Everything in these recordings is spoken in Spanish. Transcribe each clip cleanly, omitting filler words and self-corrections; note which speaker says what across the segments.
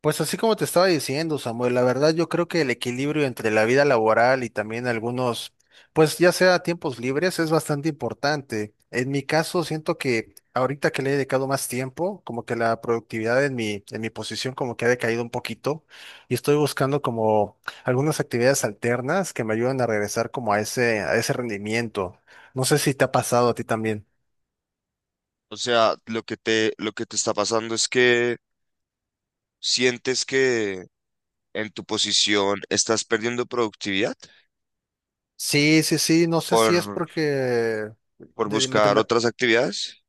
Speaker 1: Pues así como te estaba diciendo, Samuel, la verdad yo creo que el equilibrio entre la vida laboral y también algunos, pues ya sea tiempos libres, es bastante importante. En mi caso, siento que ahorita que le he dedicado más tiempo, como que la productividad en mi posición como que ha decaído un poquito y estoy buscando como algunas actividades alternas que me ayuden a regresar como a a ese rendimiento. No sé si te ha pasado a ti también.
Speaker 2: O sea, lo que te está pasando es que sientes que en tu posición estás perdiendo productividad
Speaker 1: Sí, sí, sí, no sé si es
Speaker 2: por,
Speaker 1: porque
Speaker 2: por
Speaker 1: de-
Speaker 2: buscar
Speaker 1: de-
Speaker 2: otras actividades.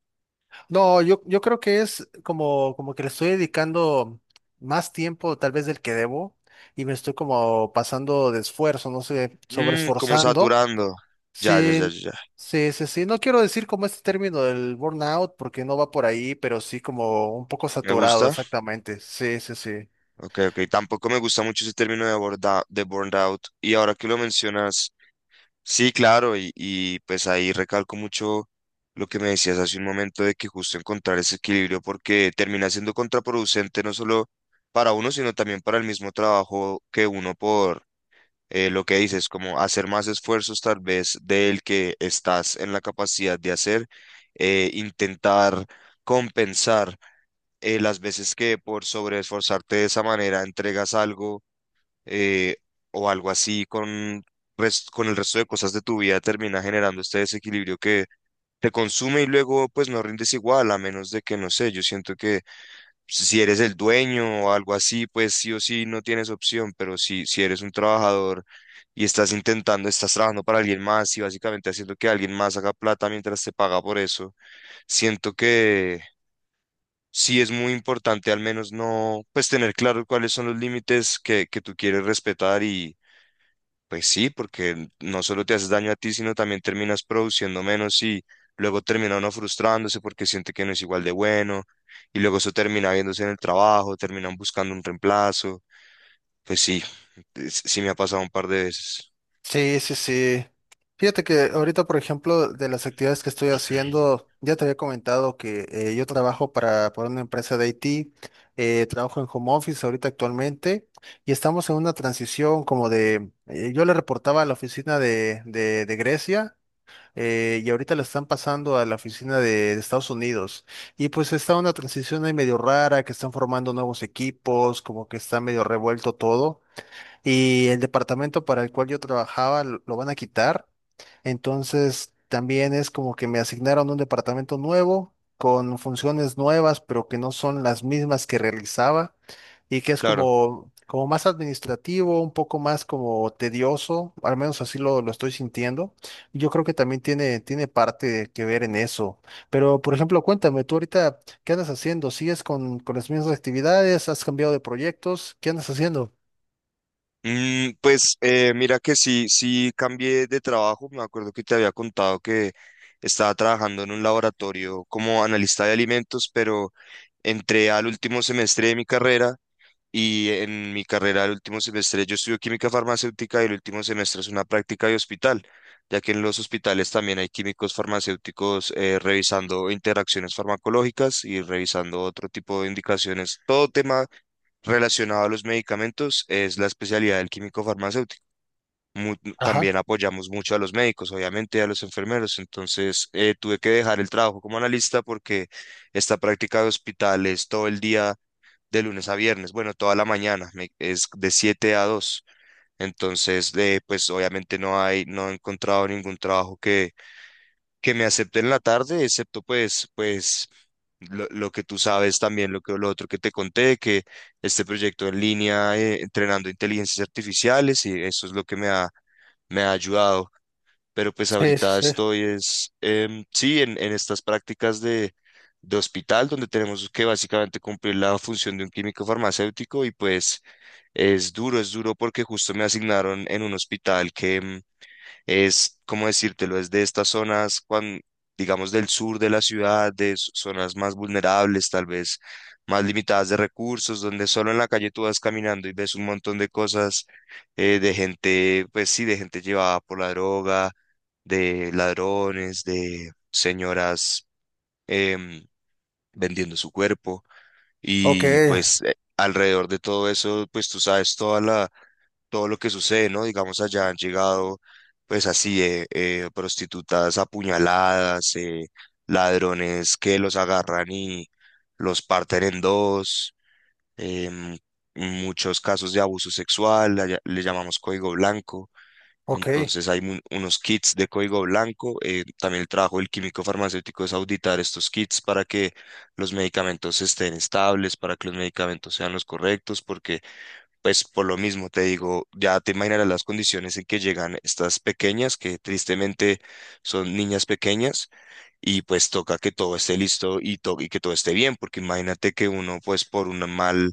Speaker 1: no, yo creo que es como, como que le estoy dedicando más tiempo tal vez del que debo y me estoy como pasando de esfuerzo, no sé,
Speaker 2: Como
Speaker 1: sobreesforzando.
Speaker 2: saturando. Ya, ya, ya, ya,
Speaker 1: Sí,
Speaker 2: ya.
Speaker 1: sí, sí, sí. No quiero decir como este término del burnout porque no va por ahí, pero sí como un poco
Speaker 2: Me
Speaker 1: saturado,
Speaker 2: gusta.
Speaker 1: exactamente. Sí, sí, sí.
Speaker 2: Ok, ok. Tampoco me gusta mucho ese término de burnout. Y ahora que lo mencionas. Sí, claro, y pues ahí recalco mucho lo que me decías hace un momento de que justo encontrar ese equilibrio porque termina siendo contraproducente no solo para uno, sino también para el mismo trabajo que uno por lo que dices, como hacer más esfuerzos tal vez del que estás en la capacidad de hacer, intentar compensar las veces que por sobreesforzarte de esa manera entregas algo eh, o algo así con el resto de cosas de tu vida termina generando este desequilibrio que te consume y luego pues no rindes igual, a menos de que, no sé, yo siento que si eres el dueño o algo así, pues sí o sí no tienes opción, pero si eres un trabajador y estás trabajando para alguien más y básicamente haciendo que alguien más haga plata mientras te paga por eso, siento que... Sí, es muy importante al menos no, pues tener claro cuáles son los límites que tú quieres respetar, pues sí, porque no solo te haces daño a ti, sino también terminas produciendo menos y luego termina uno frustrándose porque siente que no es igual de bueno y luego eso termina viéndose en el trabajo, terminan buscando un reemplazo. Pues sí, sí me ha pasado un par de veces.
Speaker 1: Sí, sí, sí. Fíjate que ahorita, por ejemplo, de las actividades que estoy haciendo, ya te había comentado que yo trabajo para una empresa de IT, trabajo en home office ahorita actualmente y estamos en una transición como de, yo le reportaba a la oficina de Grecia y ahorita la están pasando a la oficina de Estados Unidos y pues está una transición ahí medio rara, que están formando nuevos equipos, como que está medio revuelto todo y el departamento para el cual yo trabajaba lo van a quitar. Entonces, también es como que me asignaron un departamento nuevo con funciones nuevas, pero que no son las mismas que realizaba y que es
Speaker 2: Claro.
Speaker 1: como, como más administrativo, un poco más como tedioso, al menos así lo estoy sintiendo. Y yo creo que también tiene parte que ver en eso. Pero, por ejemplo, cuéntame, tú ahorita, ¿qué andas haciendo? ¿Sigues con las mismas actividades? ¿Has cambiado de proyectos? ¿Qué andas haciendo?
Speaker 2: Pues mira que sí cambié de trabajo. Me acuerdo que te había contado que estaba trabajando en un laboratorio como analista de alimentos, pero... Entré al último semestre de mi carrera y en mi carrera al último semestre yo estudio química farmacéutica, y el último semestre es una práctica de hospital, ya que en los hospitales también hay químicos farmacéuticos revisando interacciones farmacológicas y revisando otro tipo de indicaciones. Todo tema relacionado a los medicamentos es la especialidad del químico farmacéutico. mu-
Speaker 1: Ajá.
Speaker 2: También apoyamos mucho a los médicos, obviamente, y a los enfermeros. Entonces, tuve que dejar el trabajo como analista porque esta práctica de hospital todo el día, de lunes a viernes, bueno, toda la mañana, es de 7 a 2. Entonces, pues obviamente no hay, no he encontrado ningún trabajo que me acepte en la tarde, excepto pues, pues lo que tú sabes también, lo que lo otro que te conté, que este proyecto en línea, entrenando inteligencias artificiales, y eso es lo que me ha ayudado. Pero pues
Speaker 1: Sí, sí,
Speaker 2: ahorita
Speaker 1: sí.
Speaker 2: estoy es, sí, en estas prácticas de hospital, donde tenemos que básicamente cumplir la función de un químico farmacéutico y pues es duro porque justo me asignaron en un hospital que... Es, ¿cómo decírtelo? Es de estas zonas, digamos, del sur de la ciudad, de zonas más vulnerables, tal vez más limitadas de recursos, donde solo en la calle tú vas caminando y ves un montón de cosas, de gente, pues sí, de gente llevada por la droga, de ladrones, de señoras, em, vendiendo su cuerpo.
Speaker 1: Ok,
Speaker 2: Y pues alrededor de todo eso, pues tú sabes toda la todo lo que sucede, ¿no? Digamos, allá han llegado, pues así, prostitutas apuñaladas, ladrones que los agarran y los parten en dos, em, muchos casos de abuso sexual, allá le llamamos código blanco.
Speaker 1: ok.
Speaker 2: Entonces hay unos kits de código blanco. También el trabajo del químico farmacéutico es auditar estos kits para que los medicamentos estén estables, para que los medicamentos sean los correctos, porque pues por lo mismo te digo, ya te imaginarás las condiciones en que llegan estas pequeñas, que tristemente son niñas pequeñas, y pues toca que todo esté listo y, y que todo esté bien, porque imagínate que uno pues por un mal,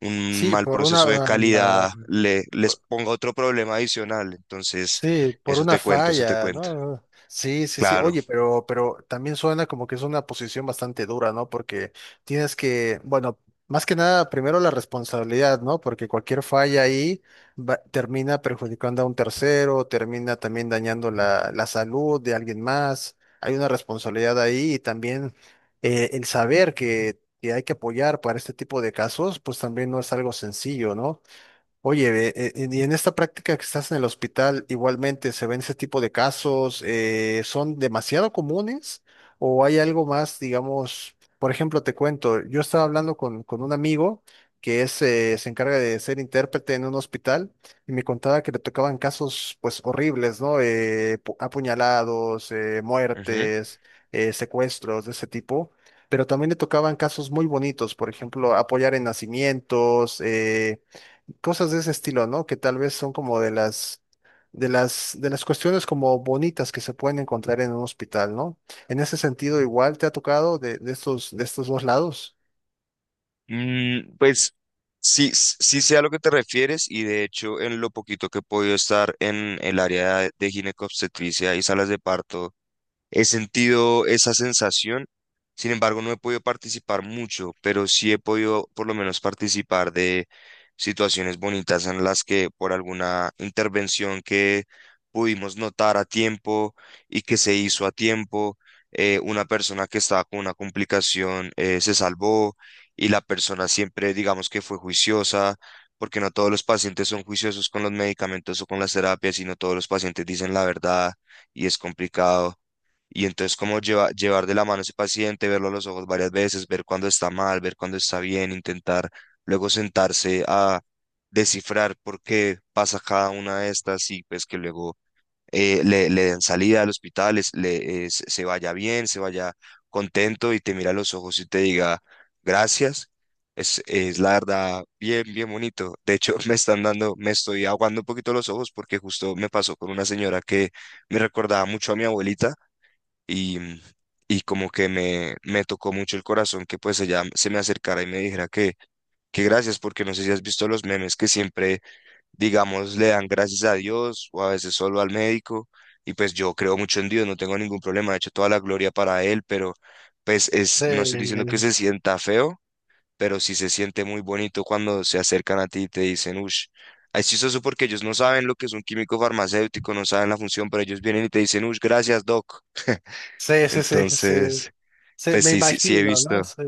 Speaker 2: un
Speaker 1: Sí,
Speaker 2: mal
Speaker 1: por
Speaker 2: proceso de
Speaker 1: una,
Speaker 2: calidad le, les
Speaker 1: ah,
Speaker 2: ponga otro problema adicional. Entonces,
Speaker 1: sí, por
Speaker 2: eso
Speaker 1: una
Speaker 2: te cuento, eso te
Speaker 1: falla,
Speaker 2: cuento.
Speaker 1: ¿no? Sí, sí, sí.
Speaker 2: Claro.
Speaker 1: Oye, pero también suena como que es una posición bastante dura, ¿no? Porque tienes que, bueno, más que nada, primero la responsabilidad, ¿no? Porque cualquier falla ahí termina perjudicando a un tercero, termina también dañando la salud de alguien más. Hay una responsabilidad ahí y también el saber que hay que apoyar para este tipo de casos, pues también no es algo sencillo, ¿no? Oye, ve, y en esta práctica que estás en el hospital, igualmente se ven ese tipo de casos, ¿eh, son demasiado comunes o hay algo más, digamos, por ejemplo, te cuento, yo estaba hablando con un amigo que es, se encarga de ser intérprete en un hospital y me contaba que le tocaban casos pues horribles, ¿no? Apuñalados,
Speaker 2: Ujú.
Speaker 1: muertes, secuestros de ese tipo. Pero también le tocaban casos muy bonitos, por ejemplo, apoyar en nacimientos, cosas de ese estilo, ¿no? Que tal vez son como de de las cuestiones como bonitas que se pueden encontrar en un hospital, ¿no? En ese sentido, igual te ha tocado de, de estos dos lados.
Speaker 2: Pues sí, sí sé a lo que te refieres, y de hecho en lo poquito que he podido estar en el área de ginecobstetricia y salas de parto, he sentido esa sensación. Sin embargo, no he podido participar mucho, pero sí he podido por lo menos participar de situaciones bonitas en las que por alguna intervención que pudimos notar a tiempo y que se hizo a tiempo, una persona que estaba con una complicación, se salvó, y la persona siempre digamos que fue juiciosa, porque no todos los pacientes son juiciosos con los medicamentos o con las terapias, sino todos los pacientes dicen la verdad, y es complicado. Y entonces como llevar de la mano a ese paciente, verlo a los ojos varias veces, ver cuándo está mal, ver cuándo está bien, intentar luego sentarse a descifrar por qué pasa cada una de estas y pues que luego le den salida al hospital, es- le, se se vaya bien, se vaya contento y te mira a los ojos y te diga gracias. Es la verdad bien, bien bonito. De hecho, me estoy aguando un poquito los ojos porque justo me pasó con una señora que me recordaba mucho a mi abuelita, y, y como que me tocó mucho el corazón que pues ella se me acercara y me dijera que gracias, porque no sé si has visto los memes que siempre, digamos, le dan gracias a Dios o a veces solo al médico, y pues yo creo mucho en Dios, no tengo ningún problema, de hecho toda la gloria para Él, pero pues es, no estoy diciendo que se sienta feo, pero sí se siente muy bonito cuando se acercan a ti y te dicen, ush. Es chistoso porque ellos no saben lo que es un químico farmacéutico, no saben la función, pero ellos vienen y te dicen, ush, gracias, doc.
Speaker 1: Sí, sí, sí, sí, sí.
Speaker 2: Entonces,
Speaker 1: Sí,
Speaker 2: pues
Speaker 1: me
Speaker 2: sí, sí, sí he
Speaker 1: imagino,
Speaker 2: visto.
Speaker 1: ¿no? Sí,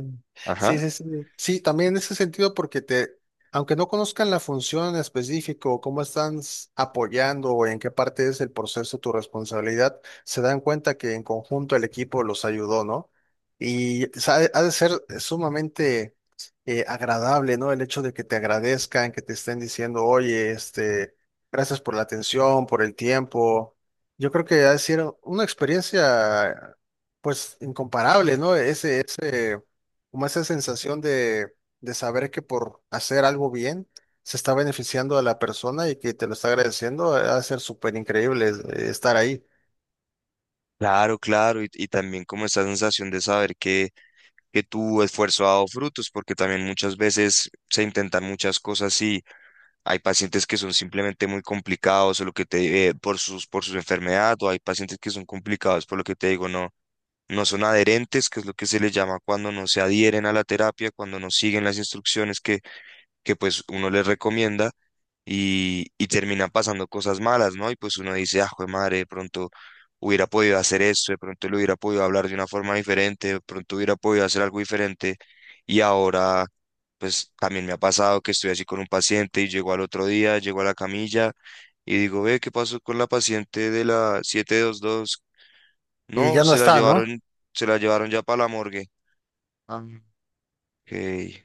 Speaker 1: sí,
Speaker 2: Ajá.
Speaker 1: sí. Sí, sí, también en ese sentido, porque te, aunque no conozcan la función en específico, o cómo están apoyando o en qué parte es el proceso tu responsabilidad, se dan cuenta que en conjunto el equipo los ayudó, ¿no? Y ha de ser sumamente agradable, ¿no? El hecho de que te agradezcan, que te estén diciendo, oye, este, gracias por la atención, por el tiempo. Yo creo que ha sido una experiencia pues incomparable, ¿no? Ese, como esa sensación de saber que por hacer algo bien se está beneficiando a la persona y que te lo está agradeciendo, va a ser súper increíble estar ahí.
Speaker 2: Claro, claro. Y también como esa sensación de saber que tu esfuerzo ha dado frutos, porque también muchas veces se intentan muchas cosas y hay pacientes que son simplemente muy complicados o lo que te por sus enfermedades, o hay pacientes que son complicados por lo que te digo, no, no son adherentes, que es lo que se les llama cuando no se adhieren a la terapia, cuando no siguen las instrucciones que pues uno les recomienda, y terminan pasando cosas malas, ¿no? Y pues uno dice, ah, jue madre, de pronto hubiera podido hacer esto, de pronto le hubiera podido hablar de una forma diferente, de pronto hubiera podido hacer algo diferente. Y ahora, pues también me ha pasado que estoy así con un paciente y llego al otro día, llego a la camilla y digo, ve, ¿qué pasó con la paciente de la 722?
Speaker 1: Y
Speaker 2: No,
Speaker 1: ya no está, ¿no?
Speaker 2: se la llevaron ya para la morgue. Ah, ok,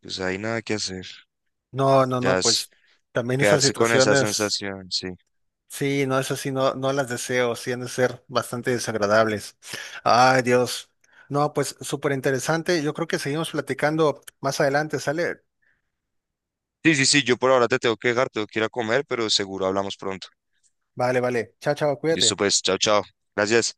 Speaker 2: pues hay nada que hacer,
Speaker 1: No, no,
Speaker 2: ya
Speaker 1: no,
Speaker 2: es
Speaker 1: pues también esas
Speaker 2: quedarse con esa
Speaker 1: situaciones,
Speaker 2: sensación, sí.
Speaker 1: sí, no, esas sí, no, no las deseo, sí han de ser bastante desagradables. Ay, Dios. No, pues súper interesante. Yo creo que seguimos platicando más adelante, ¿sale?
Speaker 2: Sí, sí, sí, yo por ahora te tengo que dejar, tengo que ir a comer, pero seguro hablamos pronto.
Speaker 1: Vale, vale. Chao, chao,
Speaker 2: Listo,
Speaker 1: cuídate.
Speaker 2: pues, chao, chao. Gracias.